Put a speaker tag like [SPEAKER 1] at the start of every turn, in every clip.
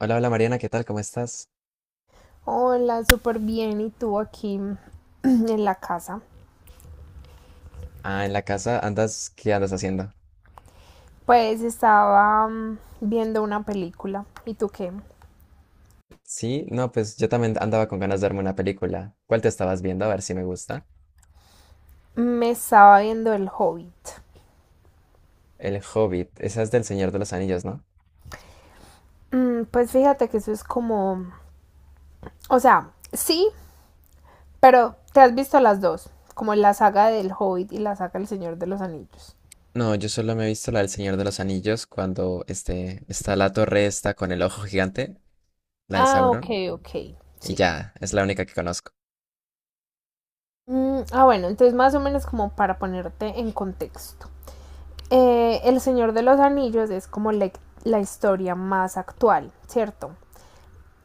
[SPEAKER 1] Hola, hola Mariana, ¿qué tal? ¿Cómo estás?
[SPEAKER 2] Hola, súper bien. ¿Y tú aquí en la casa?
[SPEAKER 1] Ah, en la casa andas, ¿qué andas haciendo?
[SPEAKER 2] Pues estaba viendo una película. ¿Y tú qué?
[SPEAKER 1] Sí, no, pues yo también andaba con ganas de verme una película. ¿Cuál te estabas viendo? A ver si me gusta.
[SPEAKER 2] Me estaba viendo El Hobbit.
[SPEAKER 1] El Hobbit, esa es del Señor de los Anillos, ¿no?
[SPEAKER 2] Pues fíjate que eso es como... O sea, sí, pero te has visto las dos. Como la saga del Hobbit y la saga del Señor de los Anillos.
[SPEAKER 1] No, yo solo me he visto la del Señor de los Anillos cuando este, está la torre esta con el ojo gigante, la de
[SPEAKER 2] Ah, ok,
[SPEAKER 1] Sauron,
[SPEAKER 2] ok,
[SPEAKER 1] y
[SPEAKER 2] sí.
[SPEAKER 1] ya, es la única que conozco.
[SPEAKER 2] Ah, bueno, entonces más o menos como para ponerte en contexto. El Señor de los Anillos es como la historia más actual, ¿cierto?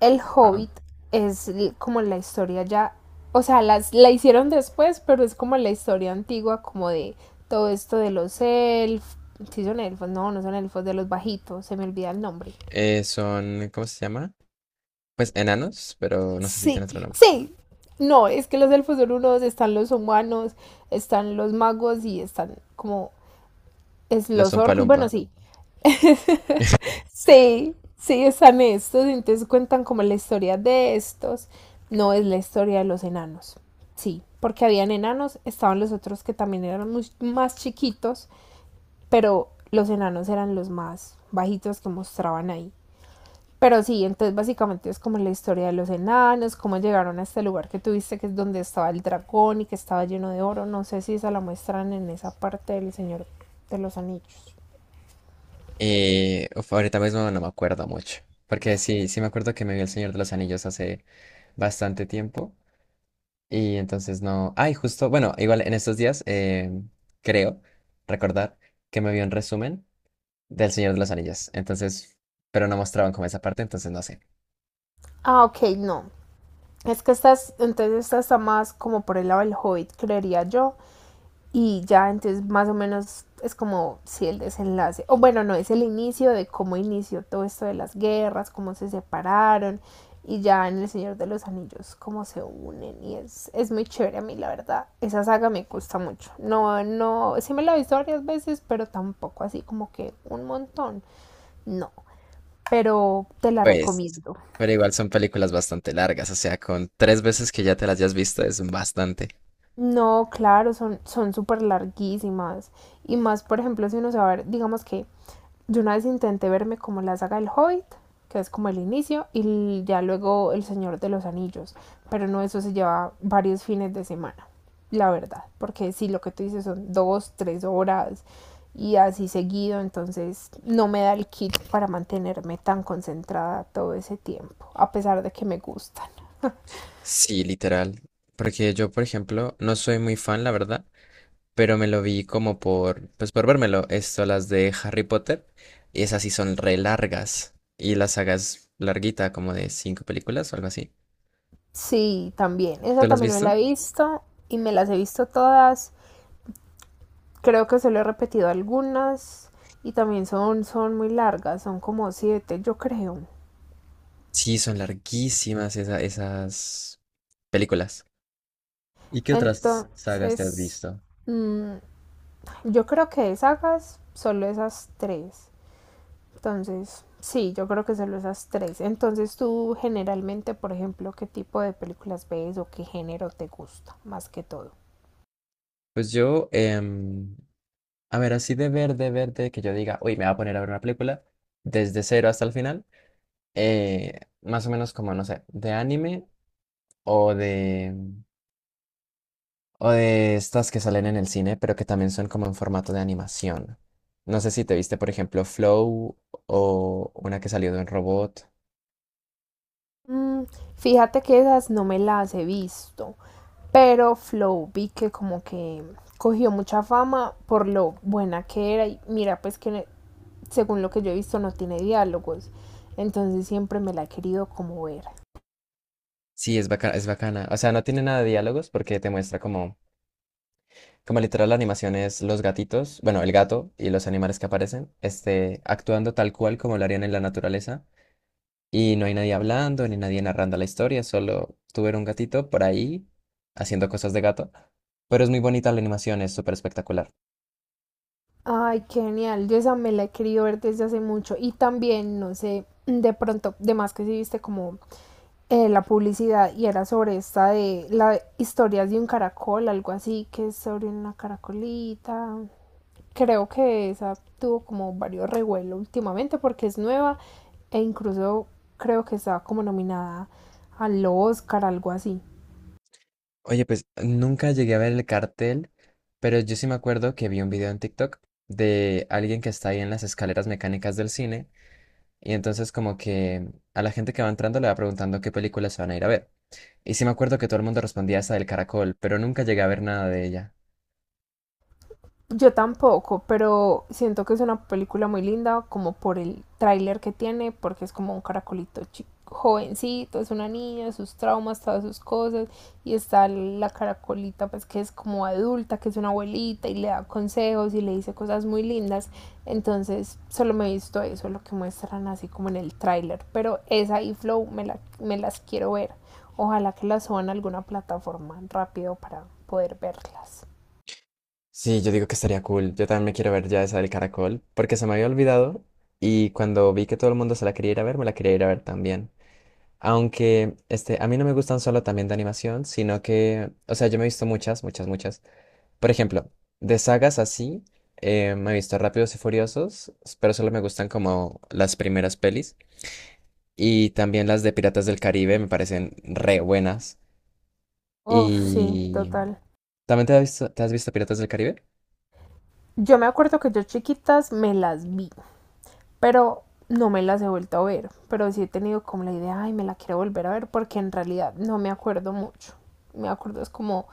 [SPEAKER 2] El
[SPEAKER 1] Ajá.
[SPEAKER 2] Hobbit es como la historia ya, o sea, la hicieron después, pero es como la historia antigua, como de todo esto de los elfos, sí son elfos, no, no son elfos, de los bajitos, se me olvida el nombre.
[SPEAKER 1] Son, ¿cómo se llama? Pues enanos, pero no sé si tiene
[SPEAKER 2] Sí,
[SPEAKER 1] otro nombre.
[SPEAKER 2] sí. No, es que los elfos son unos, están los humanos, están los magos y están como es
[SPEAKER 1] Los
[SPEAKER 2] los orcos, bueno,
[SPEAKER 1] Umpalumpa.
[SPEAKER 2] sí, sí, sí, están estos, entonces cuentan como la historia de estos, no es la historia de los enanos. Sí, porque habían enanos, estaban los otros que también eran más chiquitos, pero los enanos eran los más bajitos que mostraban ahí. Pero sí, entonces básicamente es como la historia de los enanos, cómo llegaron a este lugar que tuviste, que es donde estaba el dragón y que estaba lleno de oro. No sé si esa la muestran en esa parte del Señor de los Anillos.
[SPEAKER 1] Ahorita mismo no me acuerdo mucho, porque sí, sí me acuerdo que me vi El Señor de los Anillos hace bastante tiempo y entonces no... Ay, justo, bueno, igual en estos días creo recordar que me vi un resumen del Señor de los Anillos, entonces, pero no mostraban como esa parte, entonces no sé.
[SPEAKER 2] Ah, ok, no. Es que estas entonces esta está más como por el lado del Hobbit, creería yo. Y ya, entonces más o menos es como si sí, el desenlace, o bueno, no, es el inicio de cómo inició todo esto de las guerras, cómo se separaron, y ya en El Señor de los Anillos, cómo se unen, y es muy chévere a mí, la verdad. Esa saga me gusta mucho. No, no, sí me la he visto varias veces, pero tampoco así como que un montón. No, pero te la
[SPEAKER 1] Pues,
[SPEAKER 2] recomiendo.
[SPEAKER 1] pero igual son películas bastante largas, o sea, con tres veces que ya te las hayas visto es bastante.
[SPEAKER 2] No, claro, son súper larguísimas. Y más, por ejemplo, si uno se va a ver, digamos que yo una vez intenté verme como la saga del Hobbit, que es como el inicio, y ya luego El Señor de los Anillos. Pero no, eso se lleva varios fines de semana, la verdad. Porque si lo que tú dices son dos, tres horas y así seguido, entonces no me da el kit para mantenerme tan concentrada todo ese tiempo, a pesar de que me gustan.
[SPEAKER 1] Sí, literal, porque yo, por ejemplo, no soy muy fan, la verdad, pero me lo vi como por, pues por vérmelo. Esto, las de Harry Potter, y esas sí son re largas. Y la saga es larguita, como de 5 películas o algo así.
[SPEAKER 2] Sí, también. Esa
[SPEAKER 1] ¿Tú las has
[SPEAKER 2] también me
[SPEAKER 1] visto?
[SPEAKER 2] la he visto y me las he visto todas. Creo que solo he repetido algunas y también son muy largas, son como siete, yo creo.
[SPEAKER 1] Sí, son larguísimas esas películas. ¿Y qué otras sagas te has
[SPEAKER 2] Entonces,
[SPEAKER 1] visto?
[SPEAKER 2] mm, yo creo que de sagas solo esas tres. Entonces, sí, yo creo que solo esas tres. Entonces, tú generalmente, por ejemplo, ¿qué tipo de películas ves o qué género te gusta más que todo?
[SPEAKER 1] Pues yo, a ver, así de ver, de ver, de que yo diga, uy, me voy a poner a ver una película desde cero hasta el final, más o menos como, no sé, de anime o de, o de estas que salen en el cine, pero que también son como en formato de animación. No sé si te viste, por ejemplo, Flow o una que salió de un robot.
[SPEAKER 2] Mm, Fíjate que esas no me las he visto, pero Flow vi que como que cogió mucha fama por lo buena que era y mira pues que según lo que yo he visto no tiene diálogos, entonces siempre me la he querido como ver.
[SPEAKER 1] Sí, es bacana, es bacana. O sea, no tiene nada de diálogos porque te muestra como, como literal la animación es los gatitos, bueno, el gato y los animales que aparecen, este, actuando tal cual como lo harían en la naturaleza. Y no hay nadie hablando ni nadie narrando la historia, solo tú ver un gatito por ahí haciendo cosas de gato. Pero es muy bonita la animación, es súper espectacular.
[SPEAKER 2] Ay, qué genial, yo esa me la he querido ver desde hace mucho y también, no sé, de pronto, de más que si viste como la publicidad y era sobre esta de las historias de un caracol, algo así, que es sobre una caracolita. Creo que esa tuvo como varios revuelos últimamente porque es nueva e incluso creo que estaba como nominada al Oscar, algo así.
[SPEAKER 1] Oye, pues nunca llegué a ver el cartel, pero yo sí me acuerdo que vi un video en TikTok de alguien que está ahí en las escaleras mecánicas del cine y entonces como que a la gente que va entrando le va preguntando qué películas se van a ir a ver. Y sí me acuerdo que todo el mundo respondía esa del caracol, pero nunca llegué a ver nada de ella.
[SPEAKER 2] Yo tampoco, pero siento que es una película muy linda, como por el tráiler que tiene, porque es como un caracolito chico, jovencito, es una niña, sus traumas, todas sus cosas, y está la caracolita, pues que es como adulta, que es una abuelita, y le da consejos y le dice cosas muy lindas. Entonces, solo me he visto eso, lo que muestran así como en el tráiler, pero esa y Flow me las quiero ver. Ojalá que las suban a alguna plataforma rápido para poder verlas.
[SPEAKER 1] Sí, yo digo que estaría cool. Yo también me quiero ver ya esa del caracol, porque se me había olvidado y cuando vi que todo el mundo se la quería ir a ver, me la quería ir a ver también. Aunque este, a mí no me gustan solo también de animación, sino que, o sea, yo me he visto muchas, muchas, muchas. Por ejemplo, de sagas así, me he visto Rápidos y Furiosos, pero solo me gustan como las primeras pelis. Y también las de Piratas del Caribe me parecen re buenas.
[SPEAKER 2] Uf, sí,
[SPEAKER 1] Y...
[SPEAKER 2] total.
[SPEAKER 1] ¿También te has visto Piratas del Caribe?
[SPEAKER 2] Yo me acuerdo que yo chiquitas me las vi, pero no me las he vuelto a ver. Pero sí he tenido como la idea, ay, me la quiero volver a ver, porque en realidad no me acuerdo mucho. Me acuerdo es como,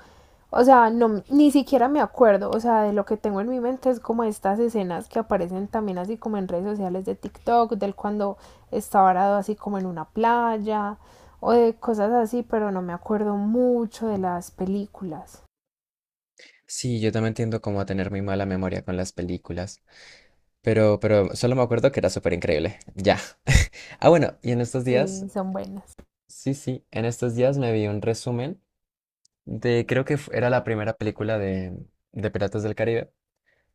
[SPEAKER 2] o sea, no, ni siquiera me acuerdo, o sea, de lo que tengo en mi mente es como estas escenas que aparecen también así como en redes sociales de TikTok, del cuando está varado así como en una playa o de cosas así, pero no me acuerdo mucho de las películas.
[SPEAKER 1] Sí, yo también tiendo como a tener muy mala memoria con las películas, pero solo me acuerdo que era súper increíble. Ya. Ah, bueno, y en estos días
[SPEAKER 2] Sí, son buenas.
[SPEAKER 1] sí, sí, en estos días me vi un resumen de, creo que era la primera película de Piratas del Caribe.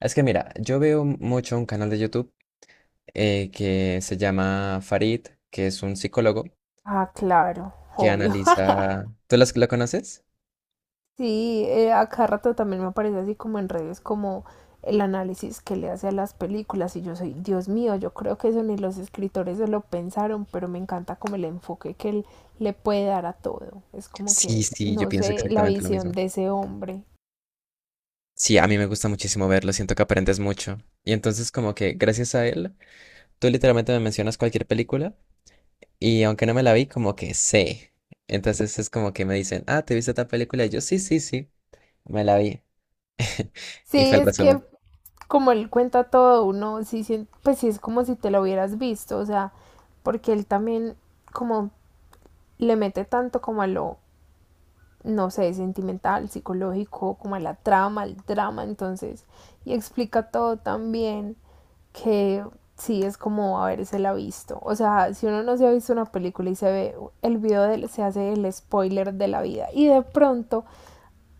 [SPEAKER 1] Es que mira, yo veo mucho un canal de YouTube que se llama Farid, que es un psicólogo
[SPEAKER 2] Ah, claro,
[SPEAKER 1] que
[SPEAKER 2] obvio.
[SPEAKER 1] analiza... ¿Tú lo conoces?
[SPEAKER 2] Sí, a cada rato también me aparece así como en redes, como el análisis que le hace a las películas. Y yo soy, Dios mío, yo creo que eso ni los escritores se lo pensaron, pero me encanta como el enfoque que él le puede dar a todo. Es como
[SPEAKER 1] Sí,
[SPEAKER 2] que,
[SPEAKER 1] sí, yo
[SPEAKER 2] no
[SPEAKER 1] pienso
[SPEAKER 2] sé, la
[SPEAKER 1] exactamente lo
[SPEAKER 2] visión
[SPEAKER 1] mismo.
[SPEAKER 2] de ese hombre.
[SPEAKER 1] Sí, a mí me gusta muchísimo verlo, siento que aprendes mucho. Y entonces como que gracias a él, tú literalmente me mencionas cualquier película y aunque no me la vi, como que sé. Entonces es como que me dicen, ah, ¿te viste tal película? Y yo, sí, sí, sí, me la vi. Y
[SPEAKER 2] Sí,
[SPEAKER 1] fue el
[SPEAKER 2] es que
[SPEAKER 1] resumen.
[SPEAKER 2] como él cuenta todo, uno sí pues sí es como si te lo hubieras visto, o sea, porque él también como le mete tanto como a lo no sé, sentimental, psicológico, como a la trama, al drama, entonces, y explica todo tan bien que sí es como haberse la visto. O sea, si uno no se ha visto una película y se ve el video, se hace el spoiler de la vida. Y de pronto,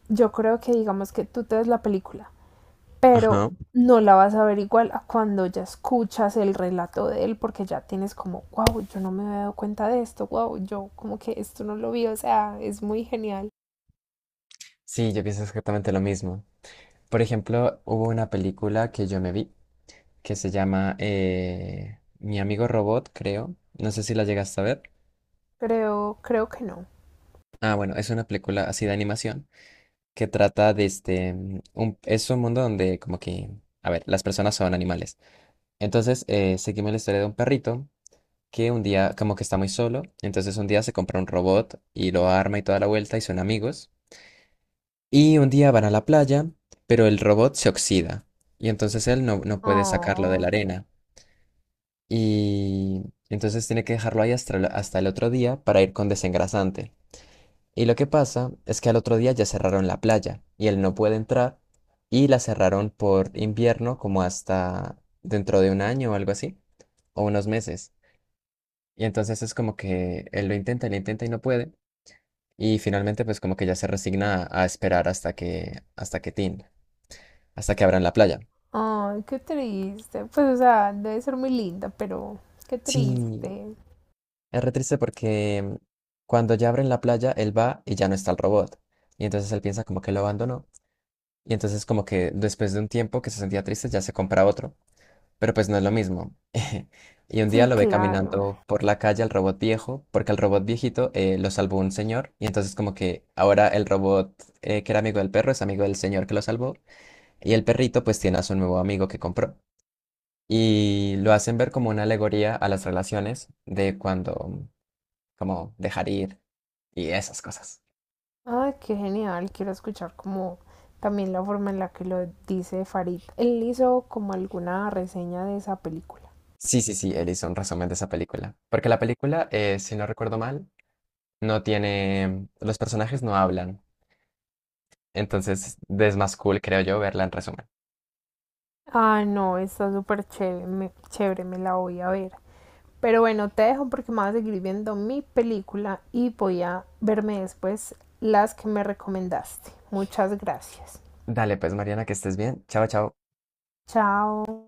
[SPEAKER 2] yo creo que digamos que tú te ves la película, pero
[SPEAKER 1] Ajá.
[SPEAKER 2] no la vas a ver igual a cuando ya escuchas el relato de él, porque ya tienes como, wow, yo no me había dado cuenta de esto, wow, yo como que esto no lo vi, o sea, es muy genial.
[SPEAKER 1] Sí, yo pienso exactamente lo mismo. Por ejemplo, hubo una película que yo me vi que se llama Mi amigo Robot, creo. No sé si la llegaste a ver.
[SPEAKER 2] Creo que no.
[SPEAKER 1] Ah, bueno, es una película así de animación que trata de este... es un mundo donde como que... A ver, las personas son animales. Entonces, seguimos la historia de un perrito que un día como que está muy solo. Entonces un día se compra un robot y lo arma y toda la vuelta y son amigos. Y un día van a la playa, pero el robot se oxida y entonces él no, no puede sacarlo de la
[SPEAKER 2] Oh,
[SPEAKER 1] arena. Y entonces tiene que dejarlo ahí hasta, hasta el otro día para ir con desengrasante. Y lo que pasa es que al otro día ya cerraron la playa y él no puede entrar y la cerraron por invierno como hasta dentro de un año o algo así, o unos meses. Y entonces es como que él lo intenta y no puede. Y finalmente pues como que ya se resigna a esperar hasta que tin, hasta que abran la playa.
[SPEAKER 2] ay, qué triste. Pues, o sea, debe ser muy linda, pero qué
[SPEAKER 1] Sí,
[SPEAKER 2] triste.
[SPEAKER 1] es re triste porque cuando ya abren la playa, él va y ya no está el robot. Y entonces él piensa como que lo abandonó. Y entonces como que después de un tiempo que se sentía triste, ya se compra otro. Pero pues no es lo mismo. Y un día
[SPEAKER 2] Sí,
[SPEAKER 1] lo ve
[SPEAKER 2] claro.
[SPEAKER 1] caminando por la calle al robot viejo, porque al robot viejito lo salvó un señor. Y entonces como que ahora el robot que era amigo del perro es amigo del señor que lo salvó. Y el perrito pues tiene a su nuevo amigo que compró y lo hacen ver como una alegoría a las relaciones de cuando, como dejar ir y esas cosas.
[SPEAKER 2] Ay, qué genial. Quiero escuchar como también la forma en la que lo dice Farid. Él hizo como alguna reseña de esa película.
[SPEAKER 1] Sí, sí, sí, él hizo un resumen de esa película. Porque la película, si no recuerdo mal, no tiene, los personajes no hablan. Entonces es más cool, creo yo, verla en resumen.
[SPEAKER 2] Ah, no, está súper chévere, chévere, me la voy a ver. Pero bueno, te dejo porque me voy a seguir viendo mi película y voy a verme después las que me recomendaste. Muchas gracias.
[SPEAKER 1] Dale, pues Mariana, que estés bien. Chao, chao.
[SPEAKER 2] Chao.